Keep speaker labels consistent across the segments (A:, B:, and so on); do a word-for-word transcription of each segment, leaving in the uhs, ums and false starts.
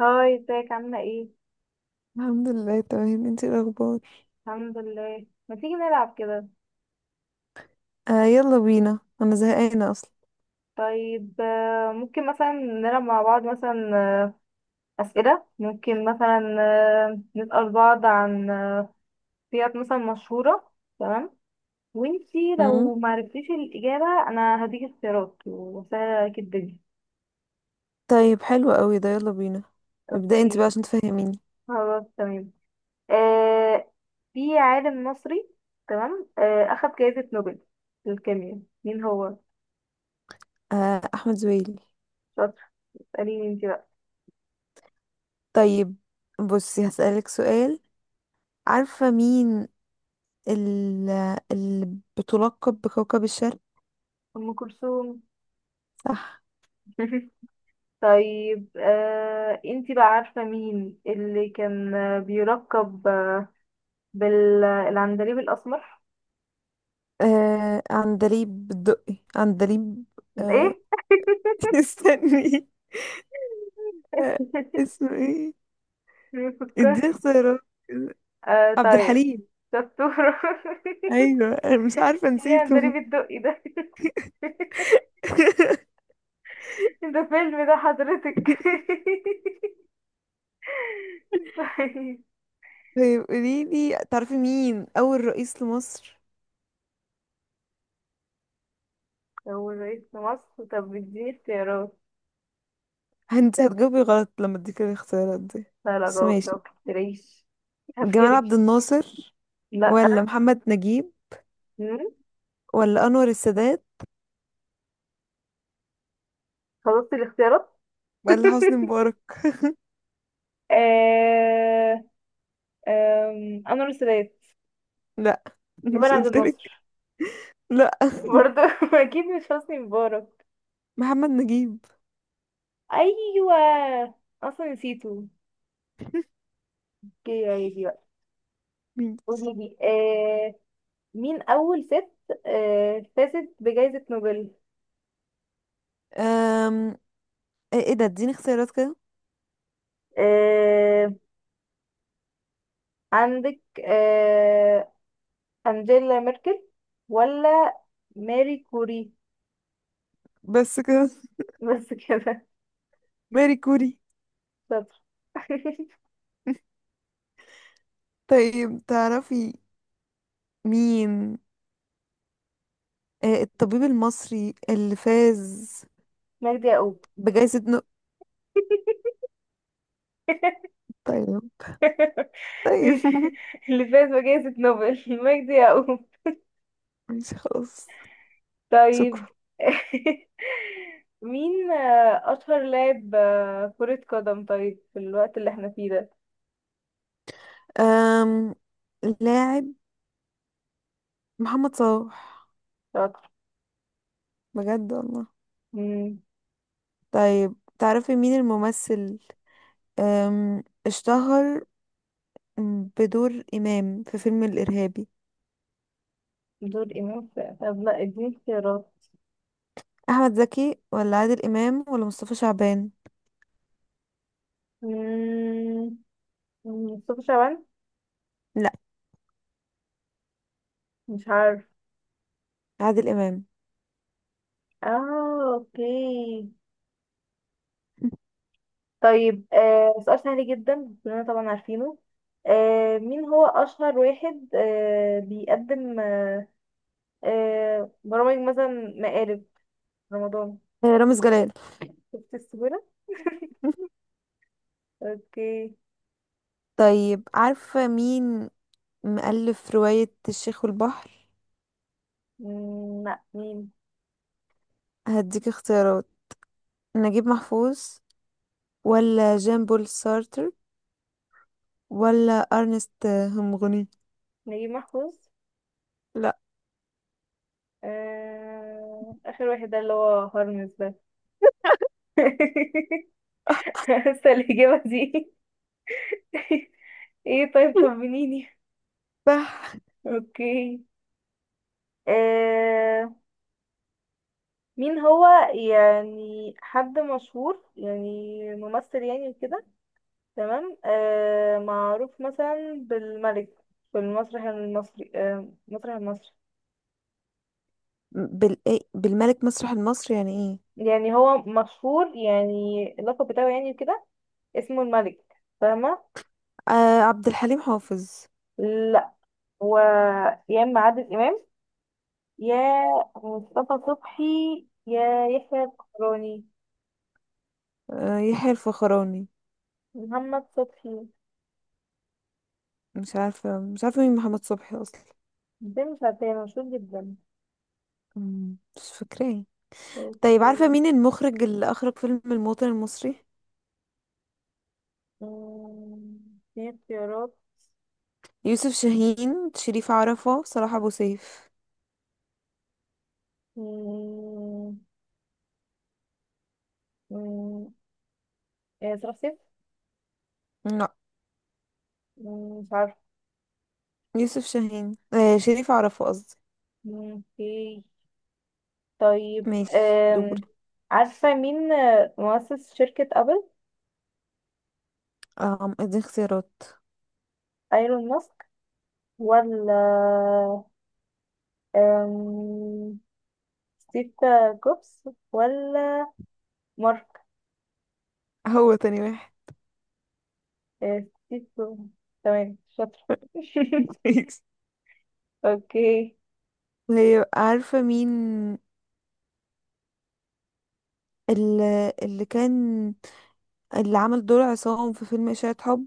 A: هاي، ازيك عاملة ايه؟
B: الحمد لله، تمام. انتي ايه الاخبار؟
A: الحمد لله. ما تيجي نلعب كده؟
B: آه، يلا بينا، انا زهقانه اصلا.
A: طيب، آه، ممكن مثلا نلعب مع بعض، مثلا آه، أسئلة، ممكن مثلا آه، نسأل بعض عن آه، سيارات مثلا مشهورة. تمام. وانتي
B: امم
A: لو معرفتيش الإجابة أنا هديك اختيارات، وسهلة عليكي الدنيا.
B: طيب حلو قوي ده، يلا بينا. ابدأي انت بقى
A: اوكي.
B: عشان تفهميني.
A: خلاص، تمام. آه في عالم مصري، تمام، آه أخد جائزة نوبل للكيمياء، مين هو؟
B: آه، احمد زويل.
A: شاطر. اسأليني انتي بقى.
B: طيب بصي هسألك سؤال. عارفه مين ال- اللي بتلقب بكوكب الشرق؟
A: أم كلثوم.
B: صح.
A: طيب، آه انتي بقى عارفة مين اللي كان آه، بيركب آه، بالعندليب الأسمر؟
B: آه، عندليب الدقي، عندليب. آه.
A: ايه؟
B: استني. آه. اسمه ايه؟
A: بيفكر.
B: اديه اختيارات.
A: آه
B: عبد
A: طيب.
B: الحليم.
A: دكتور.
B: ايوه انا مش عارفه،
A: ايه
B: نسيته.
A: عندليب الدقي ده؟ ده فيلم ده حضرتك. طيب.
B: طيب قوليلي، تعرفي مين أول رئيس لمصر؟
A: هو رئيس مصر. طب اديني اختيارات.
B: انت هتجاوبي غلط لما اديك الاختيارات دي،
A: لا، لا،
B: بس
A: جاوب لو
B: ماشي.
A: مكتريش.
B: جمال عبد
A: هبهرك.
B: الناصر،
A: لا.
B: ولا محمد نجيب،
A: مم.
B: ولا أنور السادات،
A: خلصت الاختيارات.
B: ولا حسني مبارك.
A: آه... أم، انور السادات.
B: لا،
A: جمال
B: مش
A: عبد
B: قلتلك؟
A: الناصر.
B: لا.
A: برضه اكيد مش حسني مبارك.
B: محمد نجيب.
A: ايوه. اصلا نسيته. اوكي، عادي بقى.
B: مين؟
A: قولي لي، آه مين اول ست آه فازت بجائزة نوبل؟
B: أم... ايه، إيه ده؟ اديني اختيارات كده.
A: آه عندك آه انجيلا ميركل ولا ماري كوري.
B: بس كده.
A: بس كده.
B: ماري كوري.
A: شاطر.
B: طيب تعرفي مين آه، الطبيب المصري اللي فاز
A: مجدي يعقوب.
B: بجائزة نو طيب. طيب
A: اللي فاز بجائزة نوبل مجدي يعقوب.
B: ماشي خلاص. شكرا.
A: طيب. مين آه، أشهر لاعب آه، كرة قدم، طيب، في الوقت اللي احنا فيه ده؟
B: أم... لاعب. محمد صلاح.
A: شاطر.
B: بجد والله.
A: مم،
B: طيب تعرفي مين الممثل أم... اشتهر بدور إمام في فيلم الإرهابي؟
A: دول إمام في- طب لا، اديني اختيارات.
B: أحمد زكي ولا عادل إمام ولا مصطفى شعبان؟
A: مم، مصطفى شعبان.
B: لا.
A: مش عارف.
B: عادل إمام.
A: اه، اوكي. طيب، آه سؤال سهل جدا، كلنا طبعا عارفينه. آه مين هو أشهر واحد آه بيقدم آه آه برامج مثلا، مقالب، رمضان؟
B: آه، رامز جلال.
A: شفت السهولة؟ اوكي.
B: طيب عارفة مين مؤلف رواية الشيخ والبحر؟
A: مم، لا، مين؟
B: هديك اختيارات. نجيب محفوظ، ولا جان بول سارتر، ولا ارنست همغني.
A: نجيب محفوظ.
B: لا.
A: آه... آخر واحد ده اللي هو هرمز ده. لسه الإجابة دي. ايه، طيب، طمنيني.
B: صح.
A: اوكي. آه... مين هو، يعني حد مشهور يعني ممثل يعني وكده، تمام، آه... معروف مثلا بالملك في المسرح المصري، آه... المسرح المصري
B: بال... إيه؟ بالملك مسرح المصري يعني ايه؟
A: يعني هو مشهور، يعني اللقب بتاعه يعني كده، اسمه الملك، فاهمة؟
B: آه، عبد الحليم حافظ.
A: لا. هو يا اما عادل امام، يا مصطفى صبحي، يا يحيى الفخراني،
B: آه، يحيى الفخراني.
A: محمد صبحي.
B: مش عارفه، مش عارفه مين محمد صبحي اصلا.
A: ده مش عارفاه، مشهور جدا.
B: مم، مش فاكراه. طيب
A: اوكي.
B: عارفه مين المخرج اللي اخرج فيلم الموطن المصري؟
A: أمم، في اختيارات؟
B: يوسف شاهين، شريف عرفة، صلاح ابو سيف.
A: أمم، أمم، آه، صلاح سيف.
B: لا.
A: أمم، مش عارفه.
B: يوسف شاهين، آه شريف عرفة قصدي.
A: أمم، اوكي. طيب.
B: ماشي، دوري.
A: أم. عارفة مين آه، مؤسس شركة أبل؟
B: اه، اديني اختيارات.
A: ايلون ماسك، ولا ستيف كوبس، ولا مارك.
B: هو تاني واحد.
A: آه، ستيف كوبس. تمام، شاطرة.
B: ماشي.
A: اوكي.
B: طيب عارفه مين اللي, اللي كان اللي عمل دور عصام في فيلم إشاعة حب؟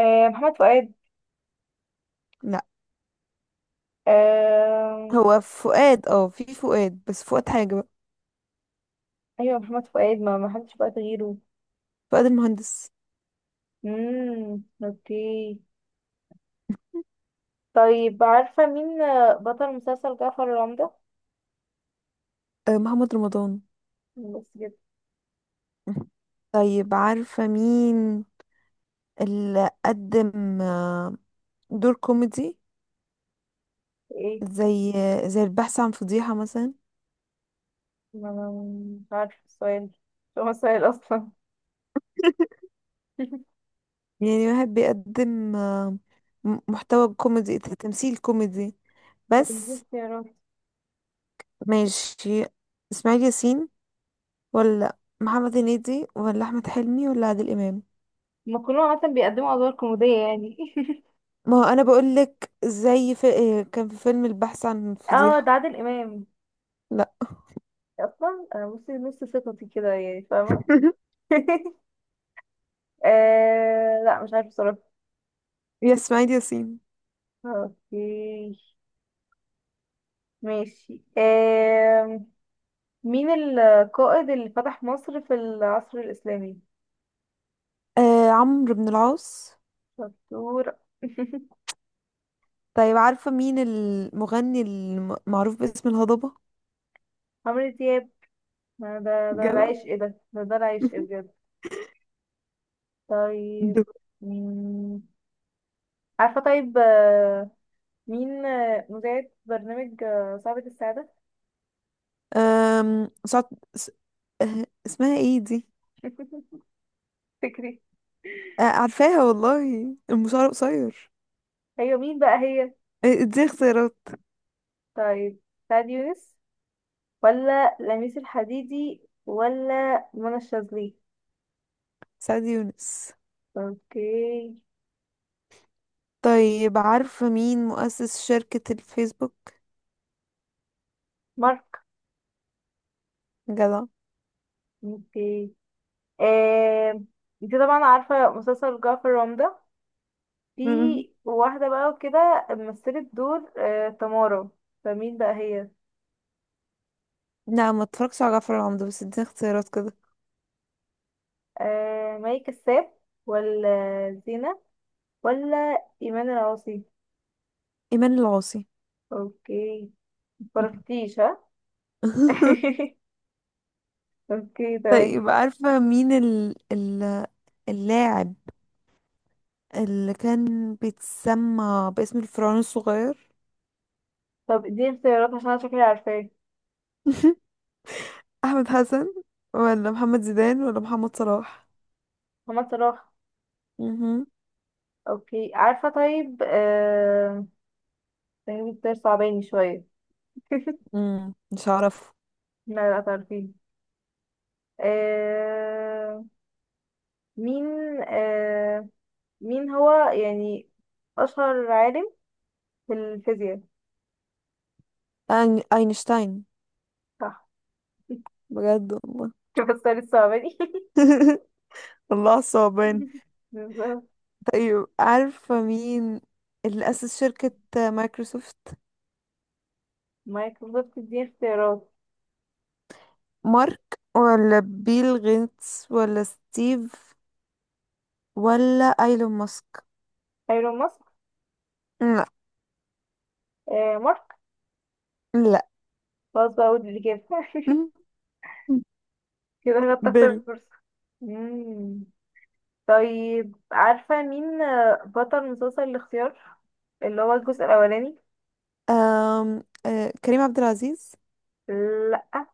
A: آه، محمد فؤاد.
B: لا.
A: آه،
B: هو فؤاد، اه في فؤاد، بس فؤاد حاجة بقى.
A: ايوه محمد فؤاد، ما ما حدش بقى غيره.
B: فؤاد المهندس.
A: امم اوكي. طيب، عارفة مين آه، بطل مسلسل جعفر العمدة؟
B: آه، محمد رمضان.
A: بس كده.
B: طيب عارفة مين اللي قدم آه، دور كوميدي؟
A: ايه؟
B: زي زي البحث عن فضيحة مثلا.
A: ما ما- مش عارفة السؤال، مش هو السؤال اصلا.
B: يعني واحد بيقدم آه، م- محتوى كوميدي، ت- تمثيل كوميدي
A: ما
B: بس.
A: اختيارات.
B: ماشي. اسماعيل ياسين، ولا محمد هنيدي، ولا احمد حلمي، ولا عادل امام.
A: ما كلهم عادة بيقدموا ادوار كوميدية يعني.
B: ما هو انا بقول لك زي في... إيه، كان في فيلم البحث عن
A: اه ده
B: فضيحة.
A: عادل امام.
B: لا.
A: اصلا انا بصي نص ثقتي كده يعني، فاهمه؟ آه لا، مش عارفه بصراحه.
B: يا اسماعيل ياسين.
A: اوكي، ماشي، آه مين القائد اللي فتح مصر في العصر الاسلامي؟
B: آه، عمرو بن العاص.
A: شطور.
B: طيب عارفة مين المغني المعروف باسم الهضبة؟
A: عمرو دياب. ده ده ده
B: جدع.
A: العشق، إيه ده ده ده العشق بجد. طيب.
B: دو-
A: مم. عارفه، طيب، آه، مين آه، مذيعة برنامج آه، صعبة السعادة؟
B: أم... سعد... س... آه، اسمها ايه دي؟
A: فكري.
B: آه، عارفاها والله، المشوار قصير.
A: ايوه، مين بقى هي؟
B: آه، دي اختيارات.
A: طيب، سعد يونس، ولا لميس الحديدي، ولا منى الشاذلي.
B: سعد يونس.
A: اوكي.
B: طيب عارفة مين مؤسس شركة الفيسبوك؟
A: مارك.
B: جدع.
A: اوكي. آه، انت طبعا عارفة مسلسل جعفر العمدة؟ في
B: مم.
A: واحدة بقى وكده مثلت دور آه، تمارا، فمين بقى هي؟
B: لا، ما اتفرجتش على جعفر العمدة، بس اديني اختيارات كده.
A: آه، مي كساب، ولا زينة، ولا إيمان العاصي.
B: ايمان العاصي.
A: اوكي. مفرقتيش ها؟ اوكي، تمام.
B: طيب عارفة مين ال... ال... اللاعب اللي كان بيتسمى باسم الفرعون الصغير؟
A: طب اديني اختيارات عشان انا شكلي عارفاه.
B: احمد حسن، ولا محمد زيدان، ولا محمد صلاح.
A: محمد صلاح.
B: مهم.
A: اوكي، عارفة. طيب، آه... تجربة ده صعباني شوية.
B: مم. مش هعرفه.
A: لا، لا، تعرفين. آه... مين آه... مين هو يعني أشهر عالم في الفيزياء؟
B: أين- اينشتاين.
A: صح.
B: بجد والله.
A: بس الصعباني.
B: الله، صعبان.
A: بالظبط.
B: طيب عارفة مين اللي أسس شركة مايكروسوفت؟
A: مايكل. بالظبط، دي اختيارات.
B: مارك، ولا بيل غيتس، ولا ستيف، ولا ايلون ماسك.
A: ايلون ماسك.
B: لا.
A: آه... مارك.
B: لا.
A: خلاص بقى، اقول اللي كده كده هنتاخد
B: بيل.
A: فرصة. مم. طيب، عارفة مين بطل مسلسل الاختيار اللي هو الجزء الأولاني؟
B: أم... آه... كريم عبد العزيز.
A: لأ.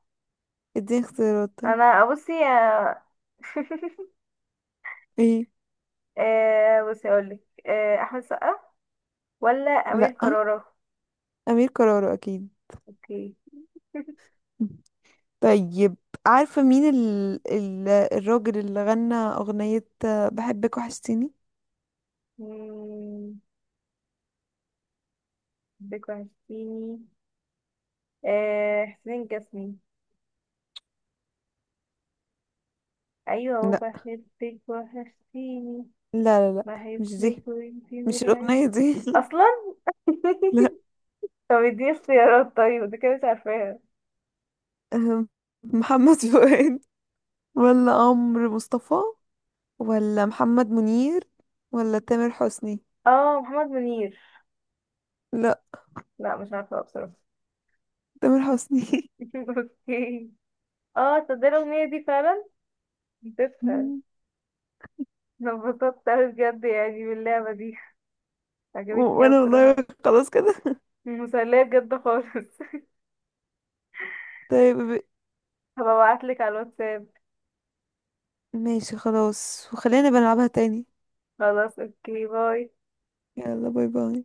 B: اديني اختيارات طيب.
A: أنا بصي آه،
B: ايه.
A: آه، بصي أقولك آه، أحمد سقا ولا أمير
B: لا.
A: كرارة؟
B: امير كرارة اكيد.
A: اوكي.
B: طيب عارفة مين ال... ال... الراجل اللي غنى اغنية آه، بحبك وحشتيني؟
A: مم، بك وحشتيني. آه، حسين الجسمي. أيوة
B: لا،
A: وبحبك وحشتيني.
B: لا، لا، لا. مش دي،
A: بحبك وانتي
B: مش
A: مرعي
B: الاغنية دي.
A: أصلا.
B: لا.
A: طب اديني اختيارات طيب، ده كده مش عارفاها.
B: أم، محمد فؤاد، ولا عمرو مصطفى، ولا محمد منير، ولا تامر حسني.
A: اه، محمد منير.
B: لا.
A: لا، مش عارفة بصراحة.
B: تامر حسني.
A: اوكي. اه، تصدق الأغنية دي فعلا نسيتها. انا انبسطت اوي بجد، يعني باللعبة دي.
B: و-
A: عجبتني اوي
B: وانا والله،
A: بصراحة.
B: خلاص كده.
A: مسلية بجد خالص.
B: طيب ب-
A: هبقى ابعتلك على الواتساب.
B: ماشي خلاص، وخلينا بنلعبها تاني.
A: خلاص، اوكي، باي.
B: يلا، باي باي.